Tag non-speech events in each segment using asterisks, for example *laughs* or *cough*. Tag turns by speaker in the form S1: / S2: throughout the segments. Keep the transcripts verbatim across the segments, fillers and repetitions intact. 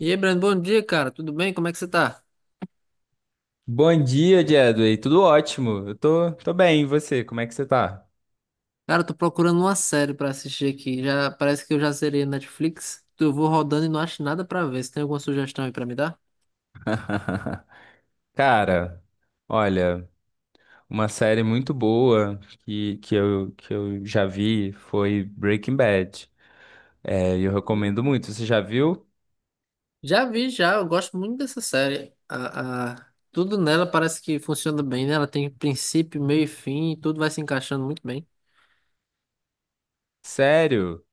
S1: E aí, Brando, bom dia, cara. Tudo bem? Como é que você tá?
S2: Bom dia, Jedway. Tudo ótimo. Eu tô, tô bem. E você? Como é que você tá?
S1: Cara, eu tô procurando uma série pra assistir aqui. Já parece que eu já zerei a Netflix. Eu vou rodando e não acho nada pra ver. Você tem alguma sugestão aí pra me dar?
S2: *laughs* Cara, olha, uma série muito boa que, que eu, que eu já vi foi Breaking Bad. É, eu recomendo muito. Você já viu?
S1: Já vi, já. Eu gosto muito dessa série. A, a- Tudo nela parece que funciona bem, né? Ela tem princípio, meio e fim, e tudo vai se encaixando muito bem.
S2: Sério?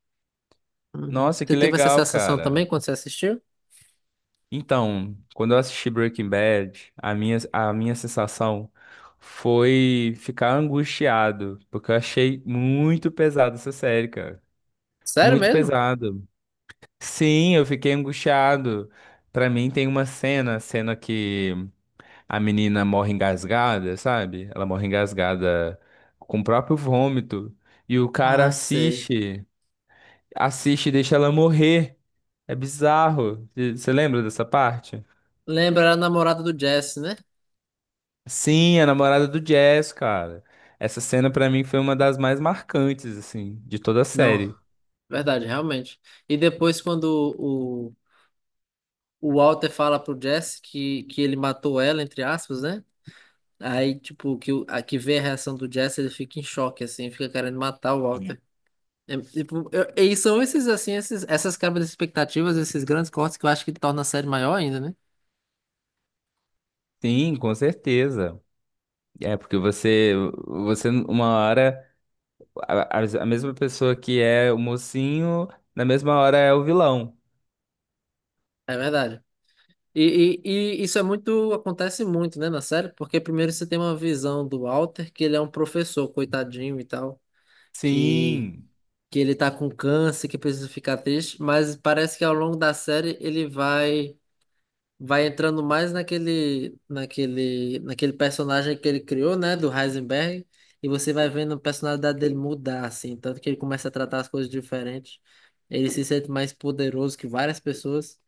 S1: Uhum.
S2: Nossa,
S1: Você
S2: que
S1: teve essa
S2: legal,
S1: sensação
S2: cara.
S1: também quando você assistiu?
S2: Então, quando eu assisti Breaking Bad, a minha, a minha sensação foi ficar angustiado, porque eu achei muito pesado essa série, cara.
S1: Sério
S2: Muito
S1: mesmo?
S2: pesado. Sim, eu fiquei angustiado. Pra mim tem uma cena, a cena que a menina morre engasgada, sabe? Ela morre engasgada com o próprio vômito e o cara
S1: Ah, sei.
S2: assiste, assiste e deixa ela morrer. É bizarro. Você lembra dessa parte?
S1: Lembra a namorada do Jesse, né?
S2: Sim, a namorada do Jazz, cara. Essa cena pra mim foi uma das mais marcantes assim de toda a
S1: Não,
S2: série.
S1: verdade, realmente. E depois quando o Walter fala pro Jesse que, que ele matou ela, entre aspas, né? Aí, tipo, que, o- a, que vê a reação do Jesse, ele fica em choque, assim, fica querendo matar o Walter. É, tipo, eu- e são esses, assim, esses, essas quebras de expectativas, esses grandes cortes que eu acho que torna a série maior ainda, né?
S2: Sim, com certeza. É porque você você uma hora A, a a mesma pessoa que é o mocinho, na mesma hora é o vilão.
S1: É verdade. E, e, e isso é muito, acontece muito, né, na série, porque primeiro você tem uma visão do Walter, que ele é um professor, coitadinho e tal, que,
S2: Sim.
S1: que ele tá com câncer, que precisa ficar triste, mas parece que ao longo da série ele vai vai entrando mais naquele, naquele, naquele personagem que ele criou, né, do Heisenberg, e você vai vendo a personalidade dele mudar, assim, tanto que ele começa a tratar as coisas diferentes, ele se sente mais poderoso que várias pessoas,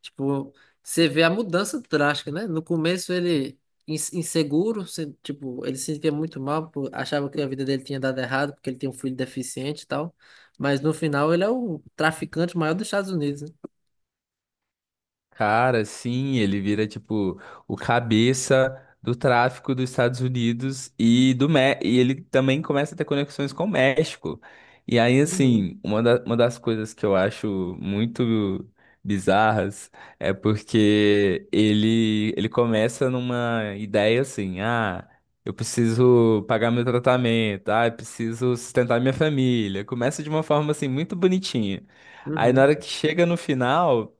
S1: tipo, você vê a mudança drástica, né, no começo ele ins- inseguro, se- tipo, ele se sentia muito mal, por- achava que a vida dele tinha dado errado, porque ele tinha um filho deficiente e tal, mas no final ele é o traficante maior dos Estados Unidos, né?
S2: Cara, sim, ele vira tipo o cabeça do tráfico dos Estados Unidos e do Mé e ele também começa a ter conexões com o México. E aí,
S1: Uhum,
S2: assim, uma, da- uma das coisas que eu acho muito bizarras é porque ele ele começa numa ideia assim, ah, eu preciso pagar meu tratamento, ah, eu preciso sustentar minha família. Começa de uma forma assim muito bonitinha. Aí na
S1: uhum,
S2: hora que chega no final,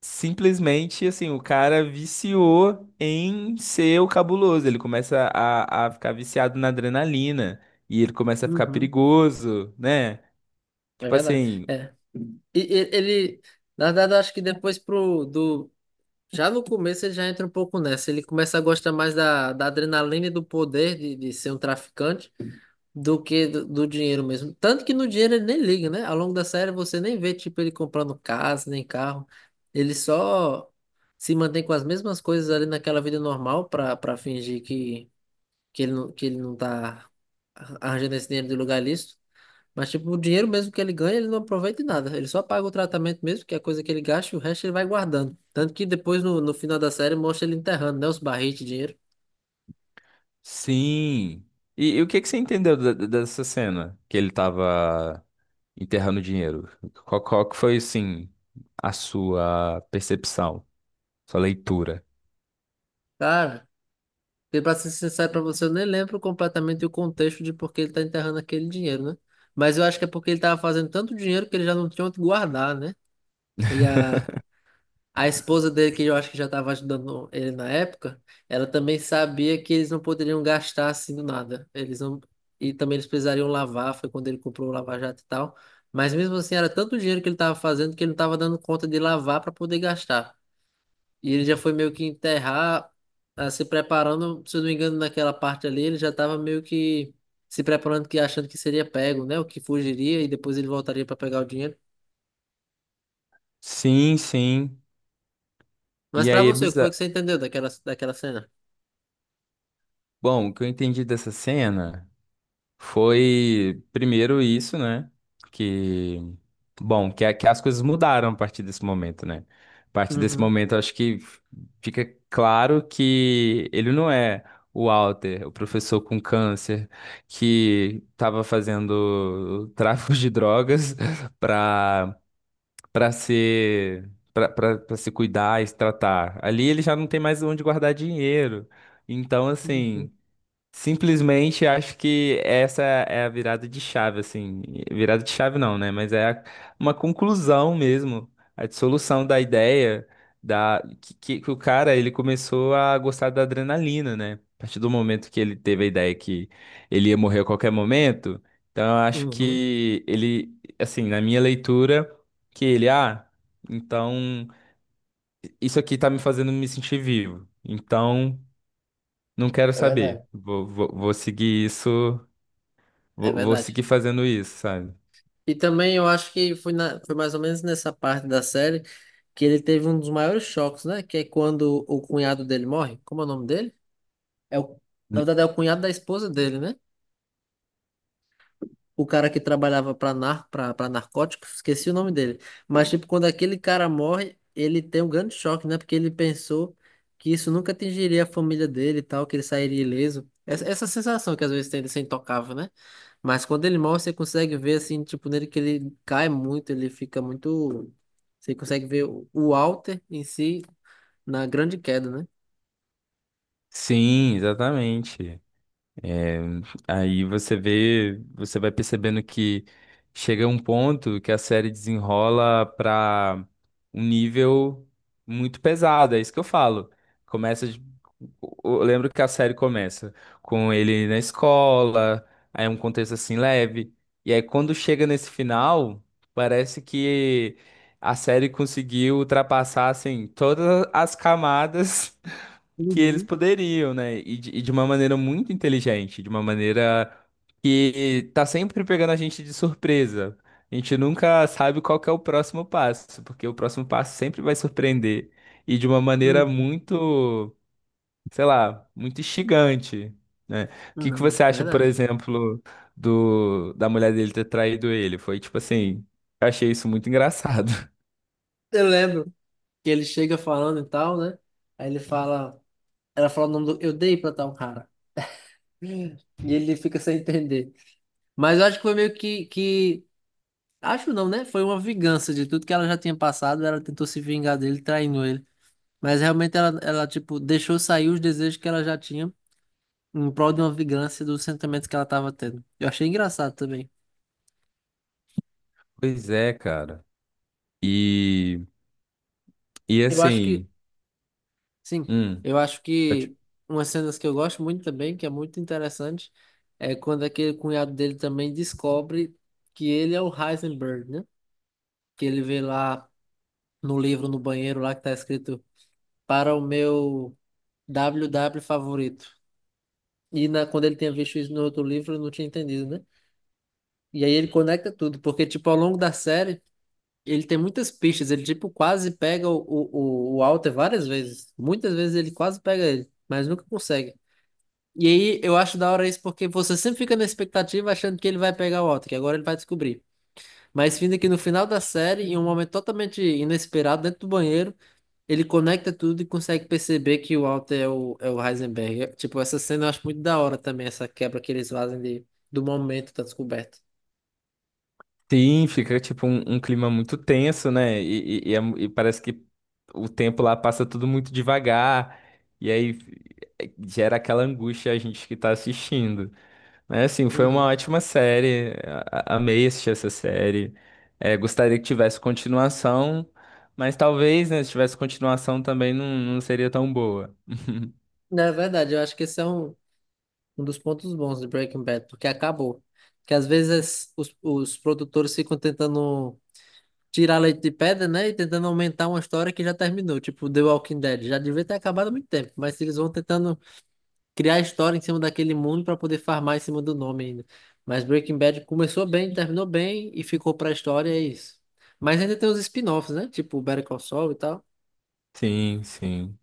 S2: simplesmente, assim, o cara viciou em ser o cabuloso. Ele começa a, a ficar viciado na adrenalina e ele começa a ficar
S1: uhum.
S2: perigoso, né?
S1: É
S2: Tipo
S1: verdade.
S2: assim,
S1: É. E, e- ele, na verdade, eu acho que depois pro do já no começo ele já entra um pouco nessa. Ele começa a gostar mais da, da adrenalina e do poder de, de ser um traficante do que do, do dinheiro mesmo. Tanto que no dinheiro ele nem liga, né? Ao longo da série você nem vê tipo ele comprando casa nem carro. Ele só se mantém com as mesmas coisas ali naquela vida normal para para fingir que que ele não, que ele não tá arranjando esse dinheiro de lugar lícito. Mas, tipo, o dinheiro mesmo que ele ganha, ele não aproveita em nada. Ele só paga o tratamento mesmo, que é a coisa que ele gasta, e o resto ele vai guardando. Tanto que depois, no, no final da série, mostra ele enterrando, né? Os barris de dinheiro.
S2: sim. E, e o que que você entendeu da- da- dessa cena que ele tava enterrando dinheiro? Qual, qual que foi, assim, a sua percepção, sua leitura?
S1: Cara, e pra ser sincero pra você, eu nem lembro completamente o contexto de por que ele tá enterrando aquele dinheiro, né? Mas eu acho que é porque ele tava fazendo tanto dinheiro que ele já não tinha onde guardar, né? E a, A esposa dele, que eu acho que já estava ajudando ele na época, ela também sabia que eles não poderiam gastar assim do nada. Eles não... E também eles precisariam lavar, foi quando ele comprou o Lava Jato e tal. Mas mesmo assim, era tanto dinheiro que ele estava fazendo que ele não estava dando conta de lavar para poder gastar. E ele já foi meio que enterrar, ah, se preparando, se eu não me engano, naquela parte ali, ele já estava meio que se preparando, que achando que seria pego, né? O que fugiria e depois ele voltaria para pegar o dinheiro.
S2: Sim, sim.
S1: Mas
S2: E
S1: para
S2: aí é
S1: você, o que foi que
S2: bizarro.
S1: você entendeu daquela, daquela cena?
S2: Bom, o que eu entendi dessa cena. Foi primeiro isso, né? Que, bom, que, a- que as coisas mudaram a partir desse momento, né? A partir desse
S1: Uhum.
S2: momento, eu acho que fica claro que ele não é o Walter, o professor com câncer, que estava fazendo tráfico de drogas *laughs* para para ser para para se cuidar e se tratar. Ali ele já não tem mais onde guardar dinheiro. Então,
S1: Uhum,
S2: assim, simplesmente acho que essa é a virada de chave, assim. Virada de chave não, né? Mas é a- uma conclusão mesmo, a dissolução da ideia da que, que- que o cara ele começou a gostar da adrenalina, né? A partir do momento que ele teve a ideia que ele ia morrer a qualquer momento, então eu acho
S1: uhum.
S2: que ele, assim, na minha leitura, que ele, ah, então isso aqui tá me fazendo me sentir vivo. Então não quero
S1: É verdade,
S2: saber. Vou, vou, vou seguir isso.
S1: é
S2: Vou, vou
S1: verdade.
S2: seguir fazendo isso, sabe?
S1: E também eu acho que foi, na, foi mais ou menos nessa parte da série que ele teve um dos maiores choques, né? Que é quando o cunhado dele morre. Como é o nome dele? É o, na
S2: N-
S1: verdade, é o cunhado da esposa dele, né? O cara que trabalhava para nar, pra, pra narcóticos, esqueci o nome dele. Mas, tipo, quando aquele cara morre, ele tem um grande choque, né? Porque ele pensou que isso nunca atingiria a família dele e tal, que ele sairia ileso. Essa, essa sensação que às vezes tem de ser intocável, né? Mas quando ele morre, você consegue ver, assim, tipo, nele que ele cai muito, ele fica muito. Você consegue ver o o Walter em si na grande queda, né?
S2: Sim, exatamente. É, aí você vê, você vai percebendo que chega um ponto que a série desenrola para um nível muito pesado, é isso que eu falo. Começa, de- eu lembro que a série começa com ele na escola, aí é um contexto assim leve, e aí quando chega nesse final, parece que a série conseguiu ultrapassar assim todas as camadas que eles
S1: Uhum,
S2: poderiam, né? E de, e de uma maneira muito inteligente, de uma maneira que tá sempre pegando a gente de surpresa. A gente nunca sabe qual que é o próximo passo, porque o próximo passo sempre vai surpreender. E de uma maneira
S1: uhum.
S2: muito, sei lá, muito instigante, né? O que que
S1: Não,
S2: você acha, por
S1: verdade.
S2: exemplo, do da mulher dele ter traído ele? Foi tipo assim, eu achei isso muito engraçado. *laughs*
S1: Eu lembro que ele chega falando e tal, né? Aí ele fala. Ela fala o nome do. Eu dei pra tal cara. E ele fica sem entender. Mas eu acho que foi meio que, que. Acho não, né? Foi uma vingança de tudo que ela já tinha passado. Ela tentou se vingar dele, traindo ele. Mas realmente ela, ela tipo, deixou sair os desejos que ela já tinha em prol de uma vingança dos sentimentos que ela tava tendo. Eu achei engraçado também.
S2: Pois é, cara. E, e
S1: Eu acho que.
S2: assim,
S1: Sim.
S2: hum,
S1: Eu acho
S2: pode
S1: que umas cenas que eu gosto muito também, que é muito interessante, é quando aquele cunhado dele também descobre que ele é o Heisenberg, né? Que ele vê lá no livro, no banheiro lá que tá escrito para o meu W W favorito. E na, quando ele tinha visto isso no outro livro, ele não tinha entendido, né? E aí ele conecta tudo, porque, tipo, ao longo da série, ele tem muitas pistas. Ele, tipo, quase pega o, o, o Walter várias vezes. Muitas vezes ele quase pega ele, mas nunca consegue. E aí eu acho da hora isso porque você sempre fica na expectativa achando que ele vai pegar o Walter, que agora ele vai descobrir. Mas vindo aqui no final da série, em um momento totalmente inesperado, dentro do banheiro, ele conecta tudo e consegue perceber que o Walter é o, é o Heisenberg. Eu- Tipo, essa cena eu acho muito da hora também, essa quebra que eles fazem de, do momento da descoberta.
S2: sim, fica tipo um, um clima muito tenso, né? E, e- e é mu- e parece que o tempo lá passa tudo muito devagar, e aí eh, gera aquela angústia a gente que tá assistindo. Mas assim, foi uma
S1: Uhum.
S2: ótima série, a- a- amei assistir essa série. Eh, gostaria que tivesse continuação, mas talvez, né, se tivesse continuação também não, não seria tão boa.
S1: Na verdade, eu acho que esse é um, um dos pontos bons de Breaking Bad, porque acabou. Que às vezes os, os produtores ficam tentando tirar leite de pedra, né? E tentando aumentar uma história que já terminou. Tipo, The Walking Dead. Já devia ter acabado há muito tempo, mas eles vão tentando criar história em cima daquele mundo para poder farmar em cima do nome ainda. Mas Breaking Bad começou bem, terminou bem e ficou pra história, é isso. Mas ainda tem os spin-offs, né? Tipo Better Call Saul e tal.
S2: Sim, sim.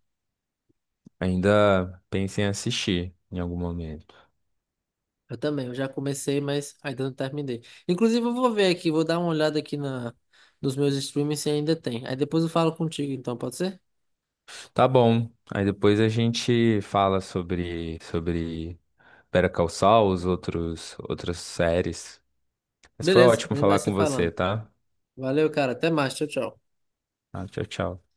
S2: Ainda pensem em assistir em algum momento.
S1: Eu também, eu já comecei, mas ainda não terminei. Inclusive, eu vou ver aqui, vou dar uma olhada aqui na, nos meus streams se ainda tem. Aí depois eu falo contigo, então, pode ser?
S2: Tá bom. Aí depois a gente fala sobre sobre Better Call Saul, os outros outras séries. Mas foi
S1: Beleza, a
S2: ótimo
S1: gente vai
S2: falar
S1: se
S2: com você,
S1: falando.
S2: tá?
S1: Valeu, cara. Até mais. Tchau, tchau.
S2: Ah, tchau, tchau.